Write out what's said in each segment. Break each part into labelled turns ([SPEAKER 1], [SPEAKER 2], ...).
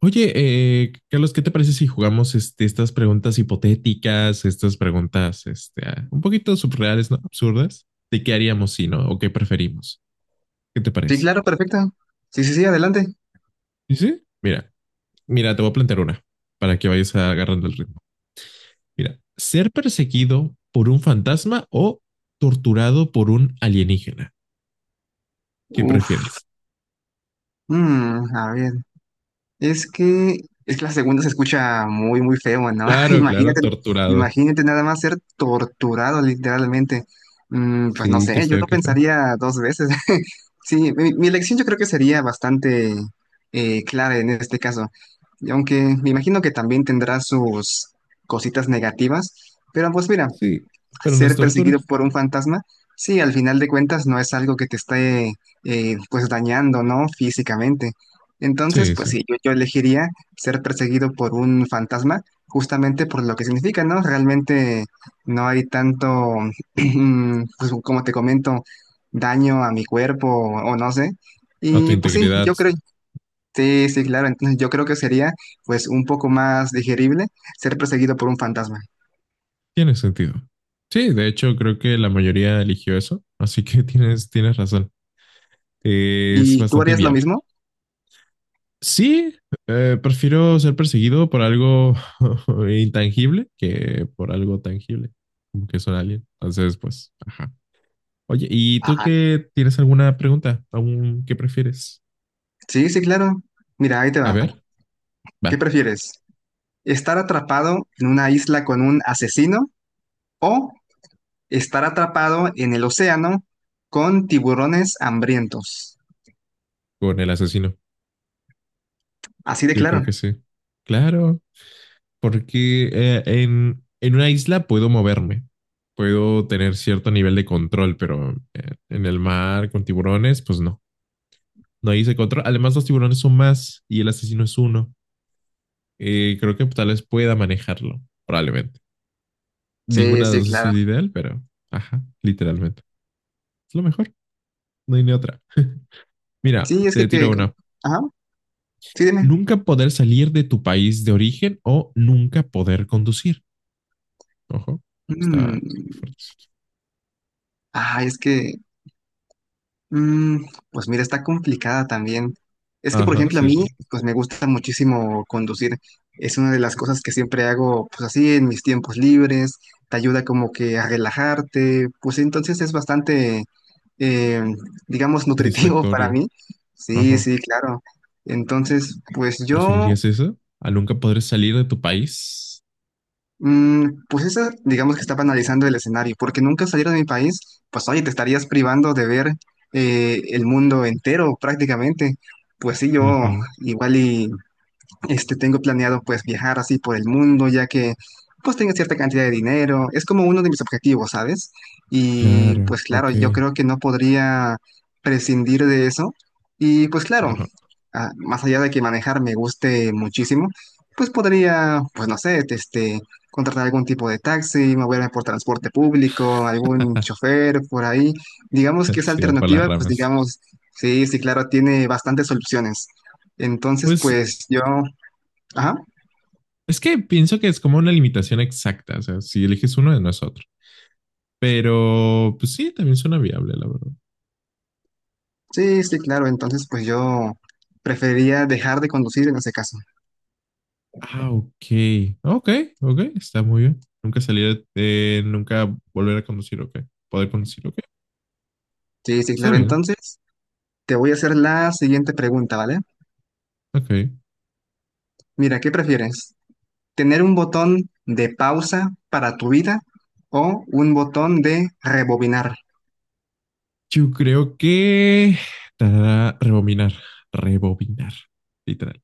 [SPEAKER 1] Oye, Carlos, ¿qué te parece si jugamos estas preguntas hipotéticas, estas preguntas un poquito surreales, ¿no? Absurdas, de qué haríamos si no, o qué preferimos. ¿Qué te
[SPEAKER 2] Sí,
[SPEAKER 1] parece?
[SPEAKER 2] claro, perfecto. Sí, sí, sí, adelante.
[SPEAKER 1] Sí, sí. Mira, te voy a plantear una para que vayas agarrando el ritmo. Mira, ser perseguido por un fantasma o torturado por un alienígena. ¿Qué
[SPEAKER 2] Uf,
[SPEAKER 1] prefieres?
[SPEAKER 2] mm, a ver. Es que, es que la segunda se escucha muy, muy feo, ¿no?
[SPEAKER 1] Claro, claro, torturado.
[SPEAKER 2] Imagínate nada más ser torturado literalmente. Mm, pues no
[SPEAKER 1] Sí, qué
[SPEAKER 2] sé, yo
[SPEAKER 1] feo,
[SPEAKER 2] lo
[SPEAKER 1] qué feo.
[SPEAKER 2] pensaría dos veces. Sí, mi elección yo creo que sería bastante clara en este caso. Y aunque me imagino que también tendrá sus cositas negativas. Pero pues mira,
[SPEAKER 1] Sí. Pero no es
[SPEAKER 2] ser
[SPEAKER 1] tortura.
[SPEAKER 2] perseguido por un fantasma, sí, al final de cuentas no es algo que te esté pues dañando, ¿no? Físicamente. Entonces,
[SPEAKER 1] Sí,
[SPEAKER 2] pues
[SPEAKER 1] sí.
[SPEAKER 2] sí, yo elegiría ser perseguido por un fantasma justamente por lo que significa, ¿no? Realmente no hay tanto, pues como te comento, daño a mi cuerpo o no sé.
[SPEAKER 1] A tu
[SPEAKER 2] Y pues sí,
[SPEAKER 1] integridad.
[SPEAKER 2] yo creo, sí, sí, claro, entonces yo creo que sería pues un poco más digerible ser perseguido por un fantasma.
[SPEAKER 1] Tiene sentido. Sí, de hecho, creo que la mayoría eligió eso, así que tienes razón. Es
[SPEAKER 2] ¿Y tú
[SPEAKER 1] bastante
[SPEAKER 2] harías lo
[SPEAKER 1] viable.
[SPEAKER 2] mismo?
[SPEAKER 1] Sí, prefiero ser perseguido por algo intangible que por algo tangible, como que son alguien. Entonces, pues, ajá. Oye, ¿y tú qué tienes alguna pregunta? ¿Aún qué prefieres?
[SPEAKER 2] Sí, sí, claro. Mira, ahí te
[SPEAKER 1] A
[SPEAKER 2] va.
[SPEAKER 1] ver, va,
[SPEAKER 2] ¿Qué prefieres? ¿Estar atrapado en una isla con un asesino o estar atrapado en el océano con tiburones hambrientos?
[SPEAKER 1] con el asesino.
[SPEAKER 2] Así de
[SPEAKER 1] Yo creo
[SPEAKER 2] claro.
[SPEAKER 1] que sí. Claro, porque en una isla puedo moverme, puedo tener cierto nivel de control, pero en el mar con tiburones, pues no, no hay ese control. Además, los tiburones son más y el asesino es uno. Creo que tal vez pueda manejarlo, probablemente.
[SPEAKER 2] Sí,
[SPEAKER 1] Ninguna de las
[SPEAKER 2] sí,
[SPEAKER 1] dos es
[SPEAKER 2] claro.
[SPEAKER 1] ideal, pero ajá, literalmente. Es lo mejor, no hay ni otra. Mira,
[SPEAKER 2] Sí, es que,
[SPEAKER 1] te tiro una.
[SPEAKER 2] ajá, sí, dime.
[SPEAKER 1] Nunca poder salir de tu país de origen o nunca poder conducir. Ojo, está muy
[SPEAKER 2] Mm,
[SPEAKER 1] fuerte.
[SPEAKER 2] ah, es que mm, pues mira, está complicada también. Es que, por
[SPEAKER 1] Ajá,
[SPEAKER 2] ejemplo, a
[SPEAKER 1] sí, sí.
[SPEAKER 2] mí, pues me gusta muchísimo conducir. Es una de las cosas que siempre hago, pues así, en mis tiempos libres. Te ayuda como que a relajarte. Pues sí, entonces es bastante, eh, digamos, nutritivo para
[SPEAKER 1] Satisfactorio.
[SPEAKER 2] mí. Sí,
[SPEAKER 1] Ajá.
[SPEAKER 2] sí, claro. Entonces, pues yo
[SPEAKER 1] ¿Preferirías eso? ¿A nunca poder salir de tu país?
[SPEAKER 2] mm, pues esa, digamos que estaba analizando el escenario, porque nunca salir de mi país, pues oye, te estarías privando de ver el mundo entero prácticamente. Pues sí, yo
[SPEAKER 1] Ujú.
[SPEAKER 2] igual y este, tengo planeado pues viajar así por el mundo, ya que pues tengo cierta cantidad de dinero. Es como uno de mis objetivos, ¿sabes? Y
[SPEAKER 1] Claro,
[SPEAKER 2] pues claro, yo
[SPEAKER 1] ok.
[SPEAKER 2] creo que no podría prescindir de eso. Y pues claro,
[SPEAKER 1] Ajá.
[SPEAKER 2] ah, más allá de que manejar me guste muchísimo, pues podría, pues no sé, este, contratar algún tipo de taxi, moverme por transporte público, algún chofer por ahí. Digamos que esa
[SPEAKER 1] Se va por las
[SPEAKER 2] alternativa, pues
[SPEAKER 1] ramas.
[SPEAKER 2] digamos, sí, sí, claro, tiene bastantes soluciones. Entonces,
[SPEAKER 1] Pues
[SPEAKER 2] pues yo ajá,
[SPEAKER 1] es que pienso que es como una limitación exacta. O sea, si eliges uno, no es otro. Pero, pues sí, también suena viable, la verdad.
[SPEAKER 2] sí, sí, claro. Entonces, pues yo preferiría dejar de conducir en ese caso.
[SPEAKER 1] Ah, ok. Ok, ok. Está muy bien. Nunca salir, nunca volver a conducir, ok. Poder conducir, ok.
[SPEAKER 2] Sí, sí,
[SPEAKER 1] Está
[SPEAKER 2] claro.
[SPEAKER 1] bien.
[SPEAKER 2] Entonces, te voy a hacer la siguiente pregunta, ¿vale?
[SPEAKER 1] Ok.
[SPEAKER 2] Mira, ¿qué prefieres? ¿Tener un botón de pausa para tu vida o un botón de rebobinar?
[SPEAKER 1] Yo creo que tarara, rebobinar, rebobinar, literal.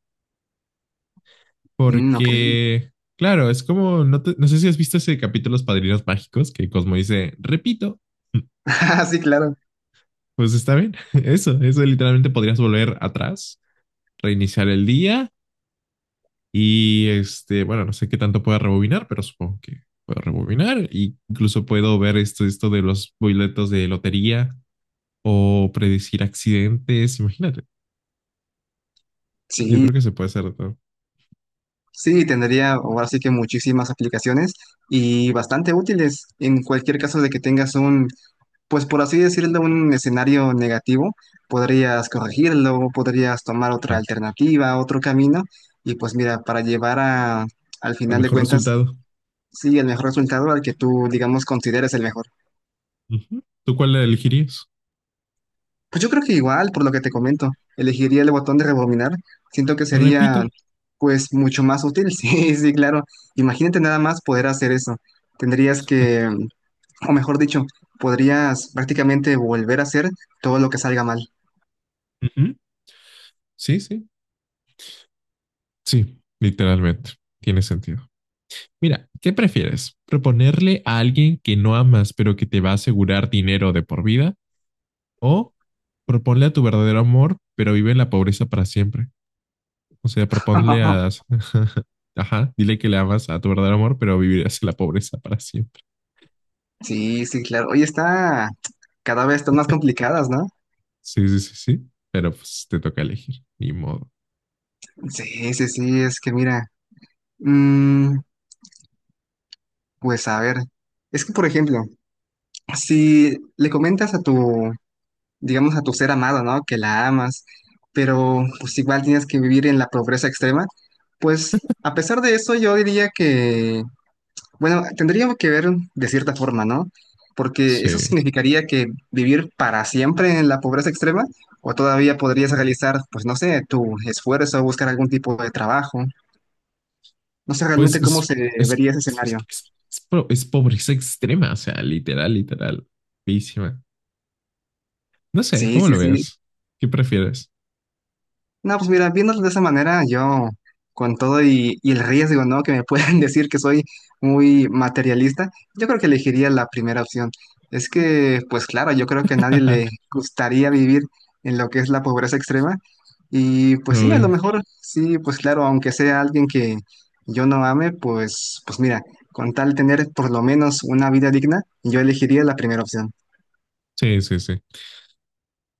[SPEAKER 2] Mm, ok.
[SPEAKER 1] Porque, claro, es como, no, no sé si has visto ese capítulo Los Padrinos Mágicos, que Cosmo dice, repito.
[SPEAKER 2] Ah, sí, claro.
[SPEAKER 1] Pues está bien, eso literalmente podrías volver atrás, reiniciar el día y, este, bueno, no sé qué tanto pueda rebobinar, pero supongo que puedo rebobinar. Y incluso puedo ver esto de los boletos de lotería o predecir accidentes, imagínate, yo
[SPEAKER 2] Sí,
[SPEAKER 1] creo que se puede hacer de todo.
[SPEAKER 2] sí, tendría ahora sí que muchísimas aplicaciones y bastante útiles en cualquier caso de que tengas un pues por así decirlo, un escenario negativo, podrías corregirlo, podrías tomar otra alternativa, otro camino, y pues mira, para llevar a, al
[SPEAKER 1] Al
[SPEAKER 2] final de
[SPEAKER 1] mejor
[SPEAKER 2] cuentas,
[SPEAKER 1] resultado.
[SPEAKER 2] sí, el mejor resultado al que tú, digamos, consideres el mejor.
[SPEAKER 1] Ujú. ¿Tú cuál la elegirías?
[SPEAKER 2] Pues yo creo que igual, por lo que te comento, elegiría el botón de rebobinar, siento que
[SPEAKER 1] Repito.
[SPEAKER 2] sería pues mucho más útil, sí, sí, claro. Imagínate nada más poder hacer eso. Tendrías que, o mejor dicho, podrías prácticamente volver a hacer todo lo que salga mal.
[SPEAKER 1] Ujú. Sí, sí. Sí, literalmente. Tiene sentido. Mira, ¿qué prefieres? ¿Proponerle a alguien que no amas pero que te va a asegurar dinero de por vida? ¿O proponle a tu verdadero amor pero vive en la pobreza para siempre? O sea, proponle a... Ajá, dile que le amas a tu verdadero amor pero vivirás en la pobreza para siempre.
[SPEAKER 2] Sí, sí, claro. Oye, está cada vez están más complicadas, ¿no?
[SPEAKER 1] Sí, sí, sí, sí. Pero pues te toca elegir. Ni modo.
[SPEAKER 2] Sí, sí, sí, es que mira, mm, pues a ver, es que por ejemplo, si le comentas a tu, digamos, a tu ser amado, ¿no? Que la amas, pero pues igual tienes que vivir en la pobreza extrema, pues a pesar de eso yo diría que bueno, tendríamos que ver de cierta forma, ¿no? Porque eso
[SPEAKER 1] Sí.
[SPEAKER 2] significaría que vivir para siempre en la pobreza extrema, o todavía podrías realizar, pues no sé, tu esfuerzo, buscar algún tipo de trabajo. No sé
[SPEAKER 1] Pues
[SPEAKER 2] realmente cómo
[SPEAKER 1] es,
[SPEAKER 2] se
[SPEAKER 1] es,
[SPEAKER 2] vería ese
[SPEAKER 1] es, es,
[SPEAKER 2] escenario.
[SPEAKER 1] es- es po- es pobreza extrema, o sea, literal, literal, feísima. No sé,
[SPEAKER 2] Sí,
[SPEAKER 1] ¿cómo
[SPEAKER 2] sí,
[SPEAKER 1] lo
[SPEAKER 2] sí.
[SPEAKER 1] veas? ¿Qué prefieres?
[SPEAKER 2] No, pues mira, viéndolo de esa manera, yo con todo y el riesgo, ¿no? Que me pueden decir que soy muy materialista, yo creo que elegiría la primera opción. Es que, pues claro, yo creo que a nadie le gustaría vivir en lo que es la pobreza extrema. Y pues sí, a lo
[SPEAKER 1] Uy,
[SPEAKER 2] mejor, sí, pues claro, aunque sea alguien que yo no ame, pues mira, con tal de tener por lo menos una vida digna, yo elegiría la primera opción.
[SPEAKER 1] sí, sí, sí.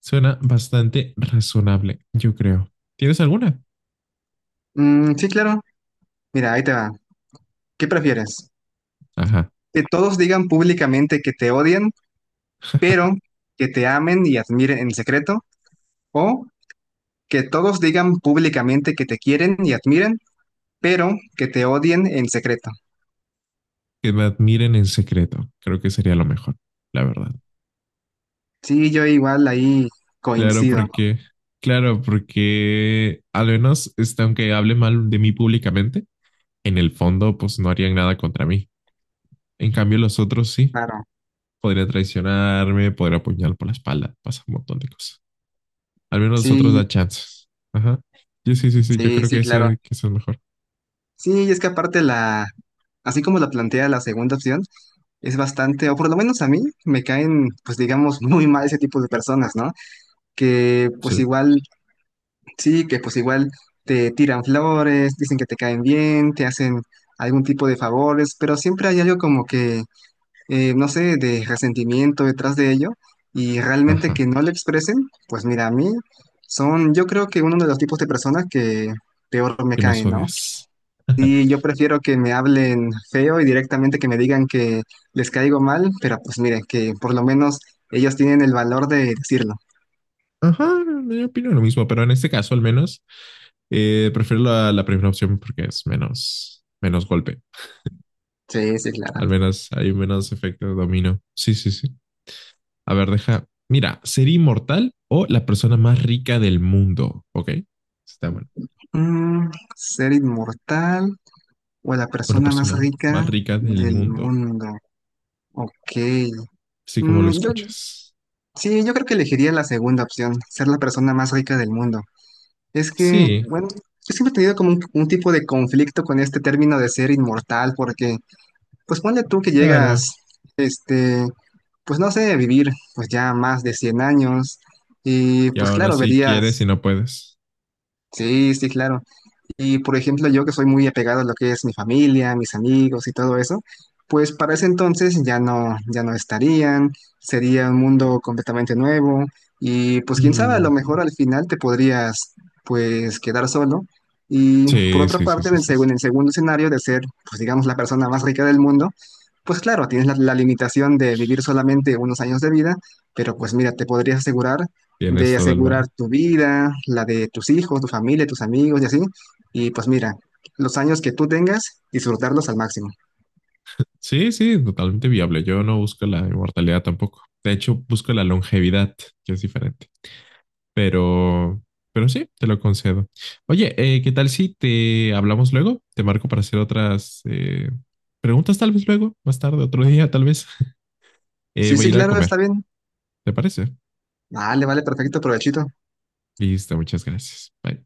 [SPEAKER 1] Suena bastante razonable, yo creo. ¿Tienes alguna?
[SPEAKER 2] Mm, sí, claro. Mira, ahí te va. ¿Qué prefieres?
[SPEAKER 1] Ajá.
[SPEAKER 2] Que todos digan públicamente que te odian, pero que te amen y admiren en secreto, o que todos digan públicamente que te quieren y admiren, pero que te odien en secreto.
[SPEAKER 1] Que me admiren en secreto. Creo que sería lo mejor, la verdad.
[SPEAKER 2] Sí, yo igual ahí
[SPEAKER 1] Claro,
[SPEAKER 2] coincido, ¿no?
[SPEAKER 1] porque, claro, porque al menos, este, aunque hable mal de mí públicamente, en el fondo, pues no harían nada contra mí. En cambio, los otros sí.
[SPEAKER 2] Claro.
[SPEAKER 1] Podría traicionarme, podría apuñalar por la espalda, pasa un montón de cosas. Al menos nosotros
[SPEAKER 2] Sí,
[SPEAKER 1] da chances. Ajá. Sí, sí, sí, sí, yo
[SPEAKER 2] sí,
[SPEAKER 1] creo que
[SPEAKER 2] sí, claro.
[SPEAKER 1] ese, que ese es mejor.
[SPEAKER 2] Sí, y es que aparte la, así como la plantea la segunda opción, es bastante, o por lo menos a mí, me caen, pues digamos, muy mal ese tipo de personas, ¿no? Que pues
[SPEAKER 1] Sí.
[SPEAKER 2] igual sí, que pues igual te tiran flores, dicen que te caen bien, te hacen algún tipo de favores, pero siempre hay algo como que, no sé, de resentimiento detrás de ello y realmente
[SPEAKER 1] Ajá.
[SPEAKER 2] que no lo expresen, pues mira, a mí son, yo creo que uno de los tipos de personas que peor me
[SPEAKER 1] ¿Qué más
[SPEAKER 2] caen, ¿no?
[SPEAKER 1] odias?
[SPEAKER 2] Y yo prefiero que me hablen feo y directamente que me digan que les caigo mal, pero pues miren, que por lo menos ellos tienen el valor de decirlo.
[SPEAKER 1] Ajá, yo opino lo mismo, pero en este caso al menos prefiero la primera opción porque es menos, menos golpe.
[SPEAKER 2] Sí, sí, claro.
[SPEAKER 1] Al menos hay menos efecto de dominó. Sí, sí, sí. A ver, deja. Mira, ser inmortal o la persona más rica del mundo, ¿ok? Está bueno.
[SPEAKER 2] Mm, ser inmortal. O la
[SPEAKER 1] O la
[SPEAKER 2] persona más
[SPEAKER 1] persona
[SPEAKER 2] rica
[SPEAKER 1] más rica del
[SPEAKER 2] del
[SPEAKER 1] mundo.
[SPEAKER 2] mundo. Ok.
[SPEAKER 1] Así como lo
[SPEAKER 2] Mm, yo,
[SPEAKER 1] escuchas.
[SPEAKER 2] sí, yo creo que elegiría la segunda opción, ser la persona más rica del mundo. Es que,
[SPEAKER 1] Sí,
[SPEAKER 2] bueno, yo siempre he tenido como un tipo de conflicto con este término de ser inmortal, porque, pues ponle tú que
[SPEAKER 1] claro.
[SPEAKER 2] llegas, este, pues no sé, vivir pues ya más de 100 años, y
[SPEAKER 1] Y
[SPEAKER 2] pues
[SPEAKER 1] aún
[SPEAKER 2] claro,
[SPEAKER 1] así quieres y
[SPEAKER 2] verías,
[SPEAKER 1] no puedes.
[SPEAKER 2] sí, sí, claro, y por ejemplo, yo que soy muy apegado a lo que es mi familia, mis amigos y todo eso, pues para ese entonces ya no, ya no estarían, sería un mundo completamente nuevo y pues quién sabe, a
[SPEAKER 1] Mm,
[SPEAKER 2] lo mejor al final te podrías pues quedar solo. Y por
[SPEAKER 1] sí,
[SPEAKER 2] otra
[SPEAKER 1] sí, sí,
[SPEAKER 2] parte, en
[SPEAKER 1] sí,
[SPEAKER 2] el,
[SPEAKER 1] sí, sí.
[SPEAKER 2] en el segundo escenario de ser, pues digamos, la persona más rica del mundo, pues claro, tienes la, la limitación de vivir solamente unos años de vida, pero pues mira, te podrías asegurar
[SPEAKER 1] Tienes
[SPEAKER 2] de
[SPEAKER 1] todo el
[SPEAKER 2] asegurar
[SPEAKER 1] valor.
[SPEAKER 2] tu vida, la de tus hijos, tu familia, tus amigos y así. Y pues mira, los años que tú tengas, disfrutarlos al máximo.
[SPEAKER 1] Sí, sí, totalmente viable. Yo no busco la inmortalidad tampoco. De hecho, busco la longevidad, que es diferente. Pero, pero sí, te lo concedo. Oye, ¿qué tal si te hablamos luego? Te marco para hacer otras preguntas, tal vez luego, más tarde, otro día, tal vez.
[SPEAKER 2] Sí,
[SPEAKER 1] Voy a
[SPEAKER 2] sí,
[SPEAKER 1] ir a
[SPEAKER 2] claro, está
[SPEAKER 1] comer.
[SPEAKER 2] bien.
[SPEAKER 1] ¿Te parece?
[SPEAKER 2] Vale, vale, perfecto, provechito.
[SPEAKER 1] Listo, muchas gracias. Bye.